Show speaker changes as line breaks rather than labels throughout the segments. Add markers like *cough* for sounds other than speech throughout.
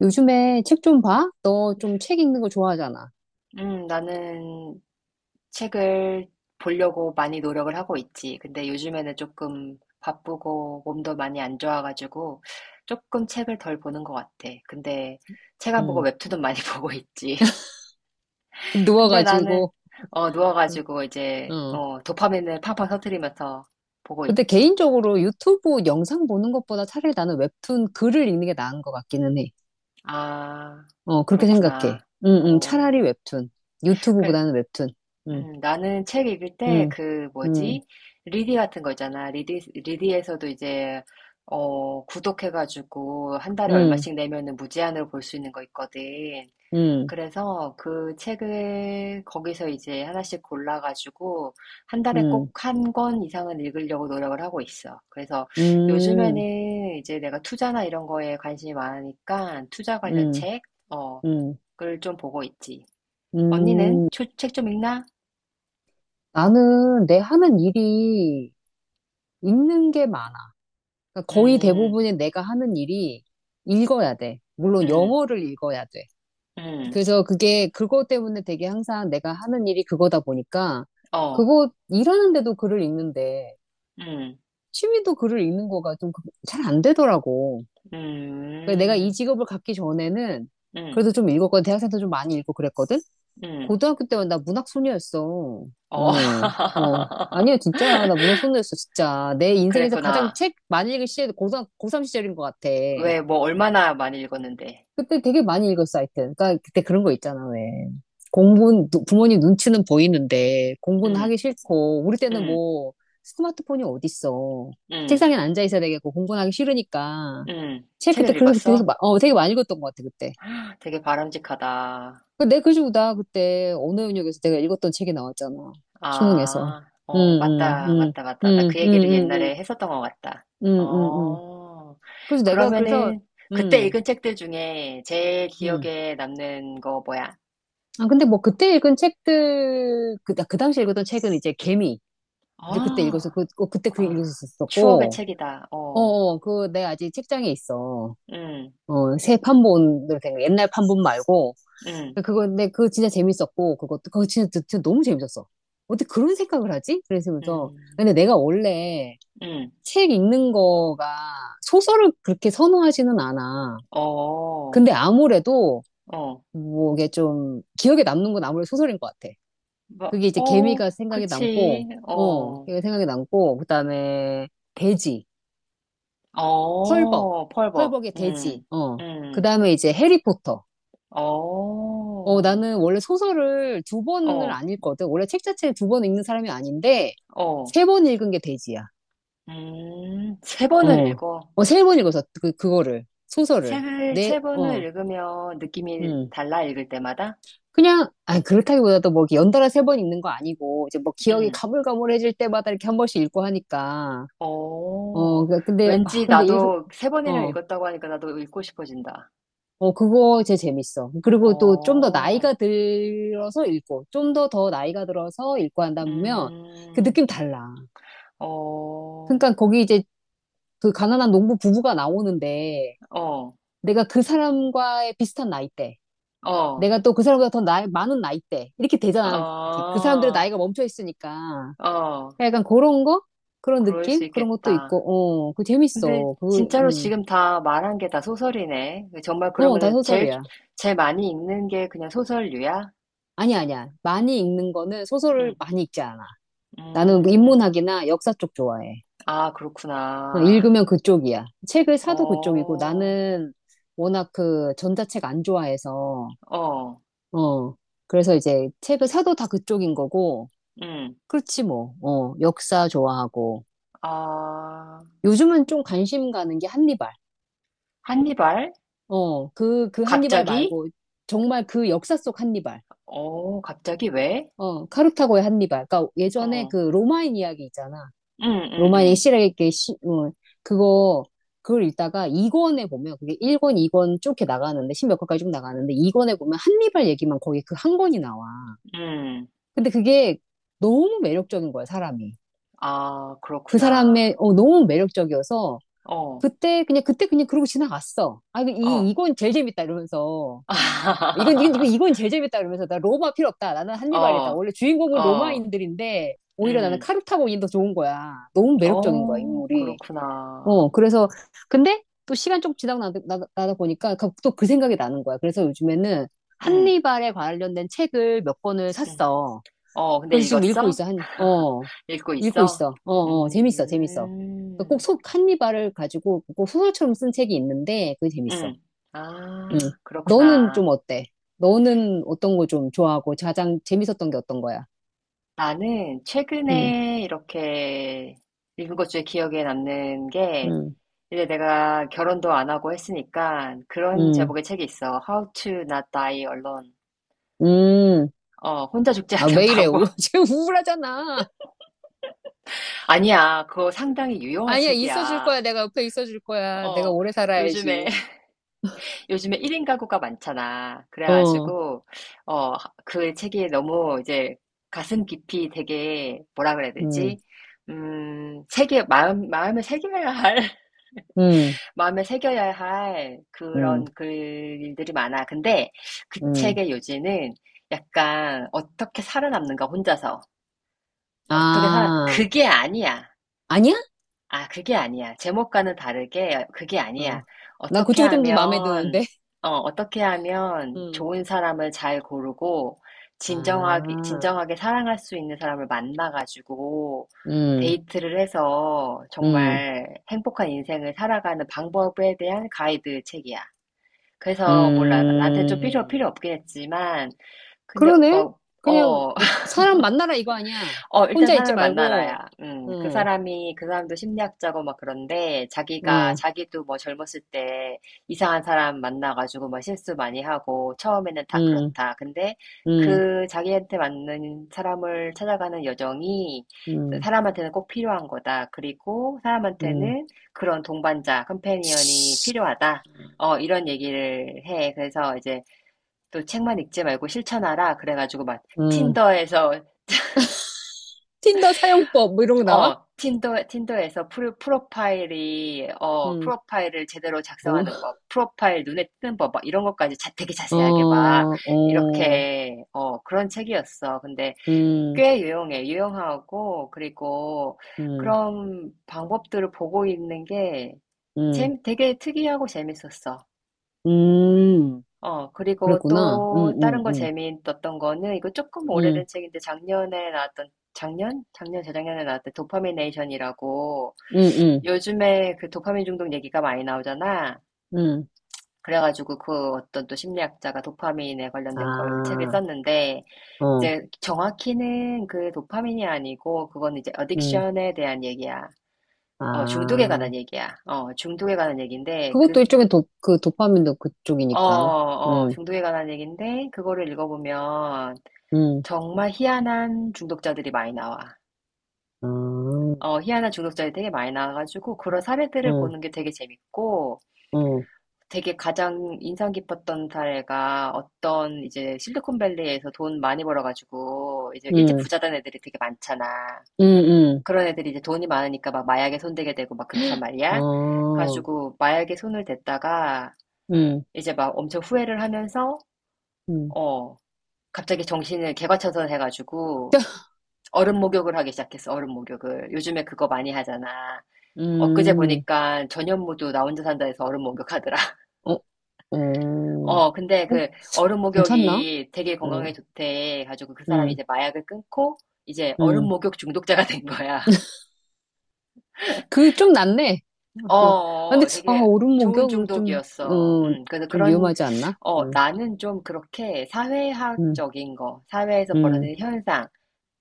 요즘에 책 좀 봐? 너 좀 책 읽는 거 좋아하잖아.
나는 책을 보려고 많이 노력을 하고 있지. 근데 요즘에는 조금 바쁘고 몸도 많이 안 좋아가지고 조금 책을 덜 보는 것 같아. 근데 책 안 보고
응,
웹툰은 많이 *laughs* 보고 있지. 근데 나는
누워가지고. 응.
누워가지고 이제
어.
도파민을 팡팡 터뜨리면서 보고
근데
있지.
개인적으로 유튜브 영상 보는 것보다 차라리 나는 웹툰 글을 읽는 게 나은 것 같기는 해.
아,
어, 그렇게
그렇구나.
생각해. 응, 응,
어,
차라리 웹툰.
그래.
유튜브보다는 웹툰. 응,
나는 책 읽을 때
응,
그
응,
뭐지? 리디 같은 거 있잖아. 리디에서도 이제, 구독해가지고 한 달에
응,
얼마씩 내면은 무제한으로 볼 수 있는 거 있거든.
응,
그래서 그 책을 거기서 이제 하나씩 골라가지고 한 달에 꼭
응,
1권 이상은 읽으려고 노력을 하고 있어. 그래서
응,
요즘에는 이제 내가 투자나 이런 거에 관심이 많으니까 투자 관련
응,
책, 어,
응,
을좀 보고 있지. 언니는
응.
책 좀 읽나?
나는 내 하는 일이 읽는 게 많아. 그러니까 거의
음.
대부분의 내가 하는 일이 읽어야 돼. 물론
음,
영어를 읽어야 돼.
음,
그래서 그게 그것 때문에 되게 항상 내가 하는 일이 그거다 보니까
어,
그거 일하는데도 글을 읽는데
음,
취미도 글을 읽는 거가 좀 그, 잘안 되더라고. 그러니까 내가 이
음,
직업을 갖기 전에는
음,
그래도 좀 읽었거든. 대학생 때 좀 많이 읽고 그랬거든.
음,
고등학교 때만 나 문학 소녀였어.
어.
응, 어.
*laughs*
아니야, 진짜. 나 문학 소녀였어, 진짜. 내 인생에서 가장
그랬구나.
책 많이 읽은 시절이 고삼 고3 시절인 것 같아.
왜, 뭐, 얼마나 많이 읽었는데.
그때 되게 많이 읽었어, 하여튼. 그러니까 그때 그런 거 있잖아, 왜. 공부는, 부모님 눈치는 보이는데, 공부는
음,
하기 싫고, 우리 때는
음,
뭐, 스마트폰이 어딨어.
음,
책상에 앉아 있어야 되겠고, 공부는 하기 싫으니까. 책 그때,
책을
그래서 그때 되게,
읽었어?
되게 많이 읽었던 것 같아, 그때.
*gasps* 되게 바람직하다.
그 내 그지고 나 그때 언어연역에서 내가 읽었던 책이 나왔잖아. 수능에서.
아,
응,
어,
응,
맞다,
응,
맞다, 맞다. 나 그
응, 응,
얘기를
응, 응,
옛날에 했었던 것 같다.
응, 응. 응.
어,
그래서 내가, 그래서,
그러면은, 그때
응,
읽은 책들 중에 제일
응.
기억에 남는 거 뭐야?
아, 근데 뭐 그때 읽은 책들, 그, 그 당시 읽었던 책은 이제 개미를 그때 읽어서,
아,
그, 어, 그때 그
아, 추억의
읽었었었고,
책이다.
어,
어,
어, 그, 내 아직 책장에 있어.
음,
어, 새 판본으로 된 거, 옛날 판본 말고.
음,
그거, 근데 그거 진짜 재밌었고, 그것도, 그거 진짜, 진짜 너무 재밌었어. 어떻게 그런 생각을 하지? 그래서,
음,
근데 내가 원래
음,
책 읽는 거가 소설을 그렇게 선호하지는 않아.
어,
근데 아무래도,
어,
뭐, 이게 좀, 기억에 남는 건 아무래도 소설인 것 같아.
뭐,
그게 이제
어,
개미가 생각이 남고,
그치,
어,
어,
개미가 생각이 남고, 그 다음에 돼지, 펄벅,
어, 펄벅,
펄벅의 돼지, 어, 그
음,
다음에 이제 해리포터.
어,
어, 나는 원래 소설을 두 번을
어,
안 읽거든. 원래 책 자체를 두 번 읽는 사람이 아닌데,
어,
세 번 읽은 게 돼지야.
세 번을
어,
읽어.
어, 세 번 읽어서 그, 그거를, 소설을.
책을
내,
세 번을
어,
읽으면 느낌이
음.
달라, 읽을 때마다?
그냥, 아, 그렇다기보다도 뭐, 이렇게 연달아 세 번 읽는 거 아니고, 이제 뭐 기억이
음,
가물가물해질 때마다 이렇게 한 번씩 읽고 하니까. 어,
어,
그- 근데, 아,
왠지
근데 읽,
나도 세 번이나
어,
읽었다고 하니까 나도 읽고 싶어진다.
어, 그거 제 재밌어. 그리고 또 좀 더
어,
나이가 들어서 읽고, 좀 더 더 나이가 들어서 읽고 한다면 그
음,
느낌 달라.
어, 어,
그러니까 거기 이제 그 가난한 농부 부부가 나오는데 내가 그 사람과의 비슷한 나이대,
어,
내가 또 그 사람보다 더 나이, 많은 나이대, 이렇게 되잖아. 이렇게 그
어,
사람들의 나이가 멈춰 있으니까.
어,
그러니까 약간 그런 거? 그런
그럴 수
느낌? 그런 것도
있겠다.
있고, 어, 그거
근데
재밌어. 그,
진짜로 지금 다 말한 게 다 소설이네. 정말
어, 다
그러면은 제일,
소설이야.
제일 많이 읽는 게 그냥 소설류야?
아니야, 아니야. 많이 읽는 거는 소설을
응,
많이 읽지 않아. 나는 뭐
음,
인문학이나 역사 쪽 좋아해.
아,
어,
그렇구나.
읽으면 그쪽이야. 책을 사도 그쪽이고
어,
나는 워낙 그 전자책 안 좋아해서,
어,
어. 그래서 이제 책을 사도 다 그쪽인 거고,
음,
그렇지 뭐. 어, 역사 좋아하고.
아,
요즘은 좀 관심 가는 게 한니발.
한니발?
어, 그, 그 한니발
갑자기?
말고 정말 그 역사 속 한니발.
어, 갑자기 왜?
어, 카르타고의 한니발. 그러니까 예전에 그
어,
로마인 이야기 있잖아.
응,
로마니
응,
실에게 시, 그거 그걸 읽다가 2권에 보면 그게 1권, 2권 쭉 이렇게 나가는데 10몇 권까지 쭉 나가는데 2권에 보면 한니발 얘기만 거기 그 한 권이 나와.
음, 음.
근데 그게 너무 매력적인 거야, 사람이.
아,
그
그렇구나.
사람의 어, 너무 매력적이어서
어,
그때 그냥 그러고 지나갔어. 아,
어.
이건 제일 재밌다 이러면서 이건
*laughs*
제일 재밌다 이러면서 나 로마 필요 없다. 나는 한니발이다.
어,
원래 주인공은
어,
로마인들인데 오히려 나는
음,
카르타고인이 더 좋은 거야. 너무 매력적인 거야,
어,
인물이.
그렇구나.
어, 그래서, 근데 또 시간 좀 지나고 나다 보니까 그, 또그 생각이 나는 거야. 그래서 요즘에는
음,
한니발에 관련된 책을 몇 권을
음.
샀어.
어, 근데
그래서 지금 읽고
읽었어?
있어. 한,
*laughs*
어,
읽고
읽고
있어?
있어. 어, 어, 재밌어, 재밌어. 그러니까 꼭
음,
속 한니발을 가지고 꼭 소설처럼 쓴 책이 있는데 그게 재밌어.
음.
응.
아,
너는
그렇구나.
좀 어때? 너는 어떤 거 좀 좋아하고 가장 재밌었던 게 어떤 거야?
나는
응,
최근에 이렇게 읽은 것 중에 기억에 남는 게,
응,
이제 내가 결혼도 안 하고 했으니까 그런
응,
제목의 책이 있어. How to Not Die Alone.
응.
어, 혼자 죽지
아,
않는
왜 이래? *laughs*
방법.
지금 우울하잖아.
*laughs* 아니야, 그거 상당히 유용한
아니야, 있어줄
책이야.
거야. 내가 옆에 있어줄 거야. 내가
어,
오래
요즘에,
살아야지.
*laughs* 요즘에 1인 가구가 많잖아.
어,
그래가지고, 어, 그 책이 너무 이제 가슴 깊이 되게, 뭐라 그래야
음,
되지? 마음에 새겨야 할, *laughs*
음,
마음에 새겨야 할 그런
음,
글들이 많아. 근데 그
음.
책의 요지는 약간 어떻게 살아남는가, 혼자서. 어떻게 살아,
아,
그게 아니야.
아니야?
아, 그게 아니야. 제목과는 다르게 그게
어.
아니야.
난
어떻게
그쪽이 좀 더 마음에 드는데.
하면,
*laughs*
어떻게 하면
음.
좋은 사람을 잘 고르고, 진정하게,
아,
진정하게 사랑할 수 있는 사람을 만나가지고,
음,
데이트를 해서
음,
정말 행복한 인생을 살아가는 방법에 대한 가이드 책이야. 그래서 몰라. 나한테 좀 필요,
음.
필요 없긴 했지만, 근데
그러네?
막,
그냥,
어,
어, 사람 만나라 이거 아니야.
어, 일단
혼자 있지
사람을
말고,
만나라야. 그
응,
사람이, 그 사람도 심리학자고 막 그런데, 자기가,
응,
자기도 뭐 젊었을 때 이상한 사람 만나가지고 막 실수 많이 하고, 처음에는 다
응,
그렇다. 근데
응,
그 자기한테 맞는 사람을 찾아가는 여정이
응,
사람한테는 꼭 필요한 거다. 그리고
응,
사람한테는 그런 동반자, 컴패니언이 필요하다. 어, 이런 얘기를 해. 그래서 이제 또 책만 읽지 말고 실천하라. 그래가지고 막
응.
틴더에서
틴더 사용법, 뭐 이런 거 나와?
틴더에서 프로, 프로파일이, 어,
응.
프로파일을 제대로
뭐,
작성하는 법, 프로파일 눈에 띄는 법, 막 이런 것까지 자, 되게
어,
자세하게 막,
어,
이렇게, 어, 그런 책이었어. 근데
음,
꽤 유용해. 유용하고, 그리고
음,
그런 방법들을 보고 있는 게
음,
되게 특이하고 재밌었어.
음,
어, 그리고
그랬구나.
또 다른 거 재미있었던 거는 이거 조금
음,
오래된 책인데 작년에 나왔던 작년? 작년, 재작년에 나왔던 도파미네이션이라고
음,
요즘에 그 도파민 중독 얘기가 많이 나오잖아.
음, 음.
그래가지고 그 어떤 또 심리학자가 도파민에 관련된 걸 책에
아,
썼는데
어,
이제 정확히는 그 도파민이 아니고 그건 이제
음,
어딕션에 대한 얘기야. 어, 중독에
아.
관한 얘기야. 어, 중독에 관한 얘기인데 그,
그것도 일종의 도, 그 도파민도
어,
그쪽이니까.
어,
음,
중독에 관한 얘기인데 그거를 읽어보면
음,
정말 희한한 중독자들이 많이 나와.
아, 어,
어, 희한한 중독자들이 되게 많이 나와가지고 그런 사례들을 보는 게 되게 재밌고
어,
되게 가장 인상 깊었던 사례가 어떤 이제 실리콘밸리에서 돈 많이 벌어가지고 이제 일찍
음,
부자 된 애들이 되게 많잖아.
음,
그런 애들이 이제 돈이 많으니까 막 마약에 손대게 되고 막 그렇단 말이야.
어,
가지고 마약에 손을 댔다가
음,
이제 막 엄청 후회를 하면서
음,
어, 갑자기 정신을 개과천선 해가지고 얼음 목욕을 하기 시작했어, 얼음 목욕을. 요즘에 그거 많이 하잖아. 엊그제
음,
보니까 전현무도 나 혼자 산다 해서 얼음 목욕하더라. *laughs*
어, 어. 어,
어, 근데 그 얼음
괜찮나?
목욕이 되게
어,
건강에 좋대. 가지고 그 사람이
음,
이제 마약을 끊고 이제 얼음
음.
목욕 중독자가 된 거야. *laughs*
그 좀 낫네. 어,
어,
그, 아, 근데,
어,
아,
되게
오름
좋은
목욕, 그 좀,
중독이었어.
어,
그래서
좀
그런,
위험하지 않나?
어,
응,
나는 좀 그렇게
응,
사회학적인 거, 사회에서
응,
벌어지는 현상,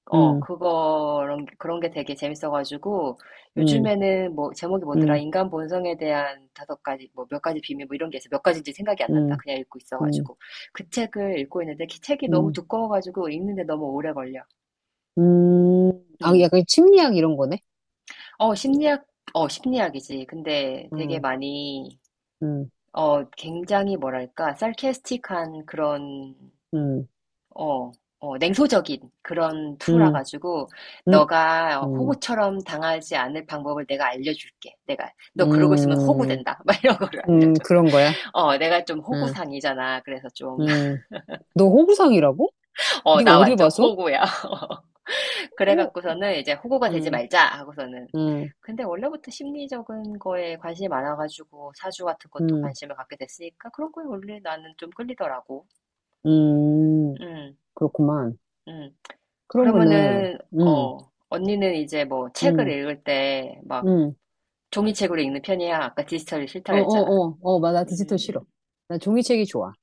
어,
응,
그거 그런 게 되게 재밌어가지고,
응,
요즘에는 뭐, 제목이 뭐더라,
응,
인간 본성에 대한 5가지, 뭐, 몇 가지 비밀, 뭐, 이런 게 있어. 몇 가지인지 생각이 안 난다.
응,
그냥 읽고
응, 응,
있어가지고. 그 책을 읽고 있는데, 그 책이 너무 두꺼워가지고, 읽는데 너무 오래 걸려.
아,
음.
약간 심리학 이런 거네?
어, 심리학, 심리학이지. 근데 되게
응,
많이,
응,
어, 굉장히 뭐랄까, sarcastic한 그런
응,
어, 어, 냉소적인 그런 투라
응,
가지고
응,
너가
응,
호구처럼 당하지 않을 방법을 내가 알려줄게. 내가 너 그러고 있으면
응,
호구된다. *laughs* 막 이런 거를
응,
알려줘.
그런 거야.
어, 내가 좀
응,
호구상이잖아. 그래서 좀, *laughs*
응. 너 호구상이라고?
어,
네가
나
어딜
완전
봐서?
호구야. *laughs*
오,
그래갖고서는 이제 호구가 되지
응,
말자 하고서는.
응,
근데 원래부터 심리적인 거에 관심이 많아가지고 사주 같은 것도
응,
관심을 갖게 됐으니까 그런 거에 원래 나는 좀 끌리더라고.
응,
음,
그렇구만.
음.
그러면은,
그러면은,
응,
어, 언니는 이제 뭐 책을
응,
읽을 때 막
응.
종이책으로 읽는 편이야. 아까 디지털이 싫다
어,
그랬잖아.
어, 어, 어, 맞아. 디지털
음,
싫어. 나 종이책이 좋아.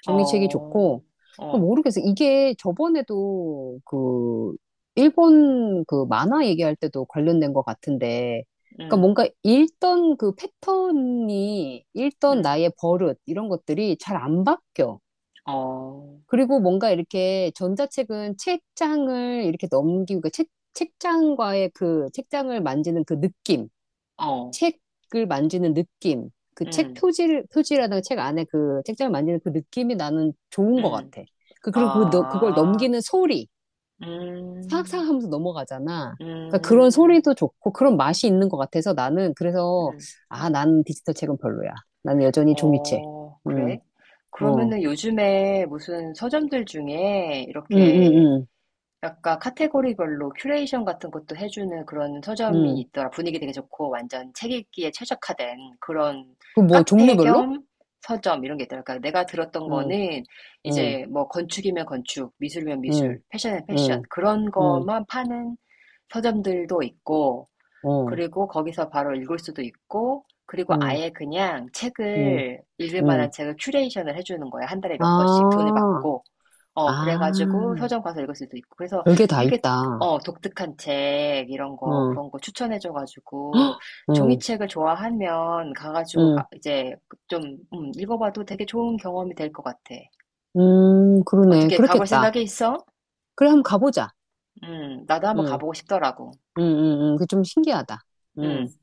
종이책이
어,
좋고,
어,
모르겠어. 이게 저번에도 그, 일본 그 만화 얘기할 때도 관련된 것 같은데, 그러니까
음,
뭔가 읽던 그 패턴이, 읽던
음,
나의 버릇, 이런 것들이 잘 안 바뀌어.
어,
그리고 뭔가 이렇게 전자책은 책장을 이렇게 넘기고, 그러니까 책, 책장과의 그, 책장을 만지는 그 느낌.
어,
책을 만지는 느낌, 그 책
음,
표지를, 표지라든가 책 안에 그 책장을 만지는 그 느낌이 나는 좋은 것
음,
같아. 그, 그리고 그, 그걸
아,
넘기는 소리,
음,
사악사악 하면서 넘어가잖아. 그러니까 그런
음,
소리도 좋고 그런 맛이 있는 것 같아서 나는 그래서,
음,
아, 난 디지털 책은 별로야. 난 여전히 종이책.
어,
음,
그래?
어,
그러면은 요즘에 무슨 서점들 중에
음,
이렇게
음,
약간 카테고리별로 큐레이션 같은 것도 해주는 그런
음,
서점이
음.
있더라. 분위기 되게 좋고 완전 책 읽기에 최적화된 그런
그 뭐
카페
종류별로?
겸 서점 이런 게 있더라. 그러니까 내가 들었던
응,
거는
응,
이제 뭐 건축이면 건축, 미술이면 미술,
응,
패션이면 패션
응,
그런
응,
것만 파는 서점들도 있고
응, 어,
그리고 거기서 바로 읽을 수도 있고, 그리고
응,
아예 그냥
응,
책을, 읽을 만한
응.
책을 큐레이션을 해주는 거예요. 한 달에 몇 권씩 돈을
아,
받고. 어, 그래가지고
아.
서점 가서 읽을 수도 있고. 그래서
별게 다
되게,
있다.
어, 독특한 책, 이런 거,
어,
그런 거 추천해줘가지고,
어,
종이책을 좋아하면 가가지고,
응,
가- 이제 좀, 읽어봐도 되게 좋은 경험이 될 것 같아.
그러네.
어떻게 가볼
그렇겠다.
생각이 있어?
그래, 한번 가보자.
나도 한번
응,
가보고 싶더라고.
응, 응, 응. 그게 좀 신기하다. 응.
음.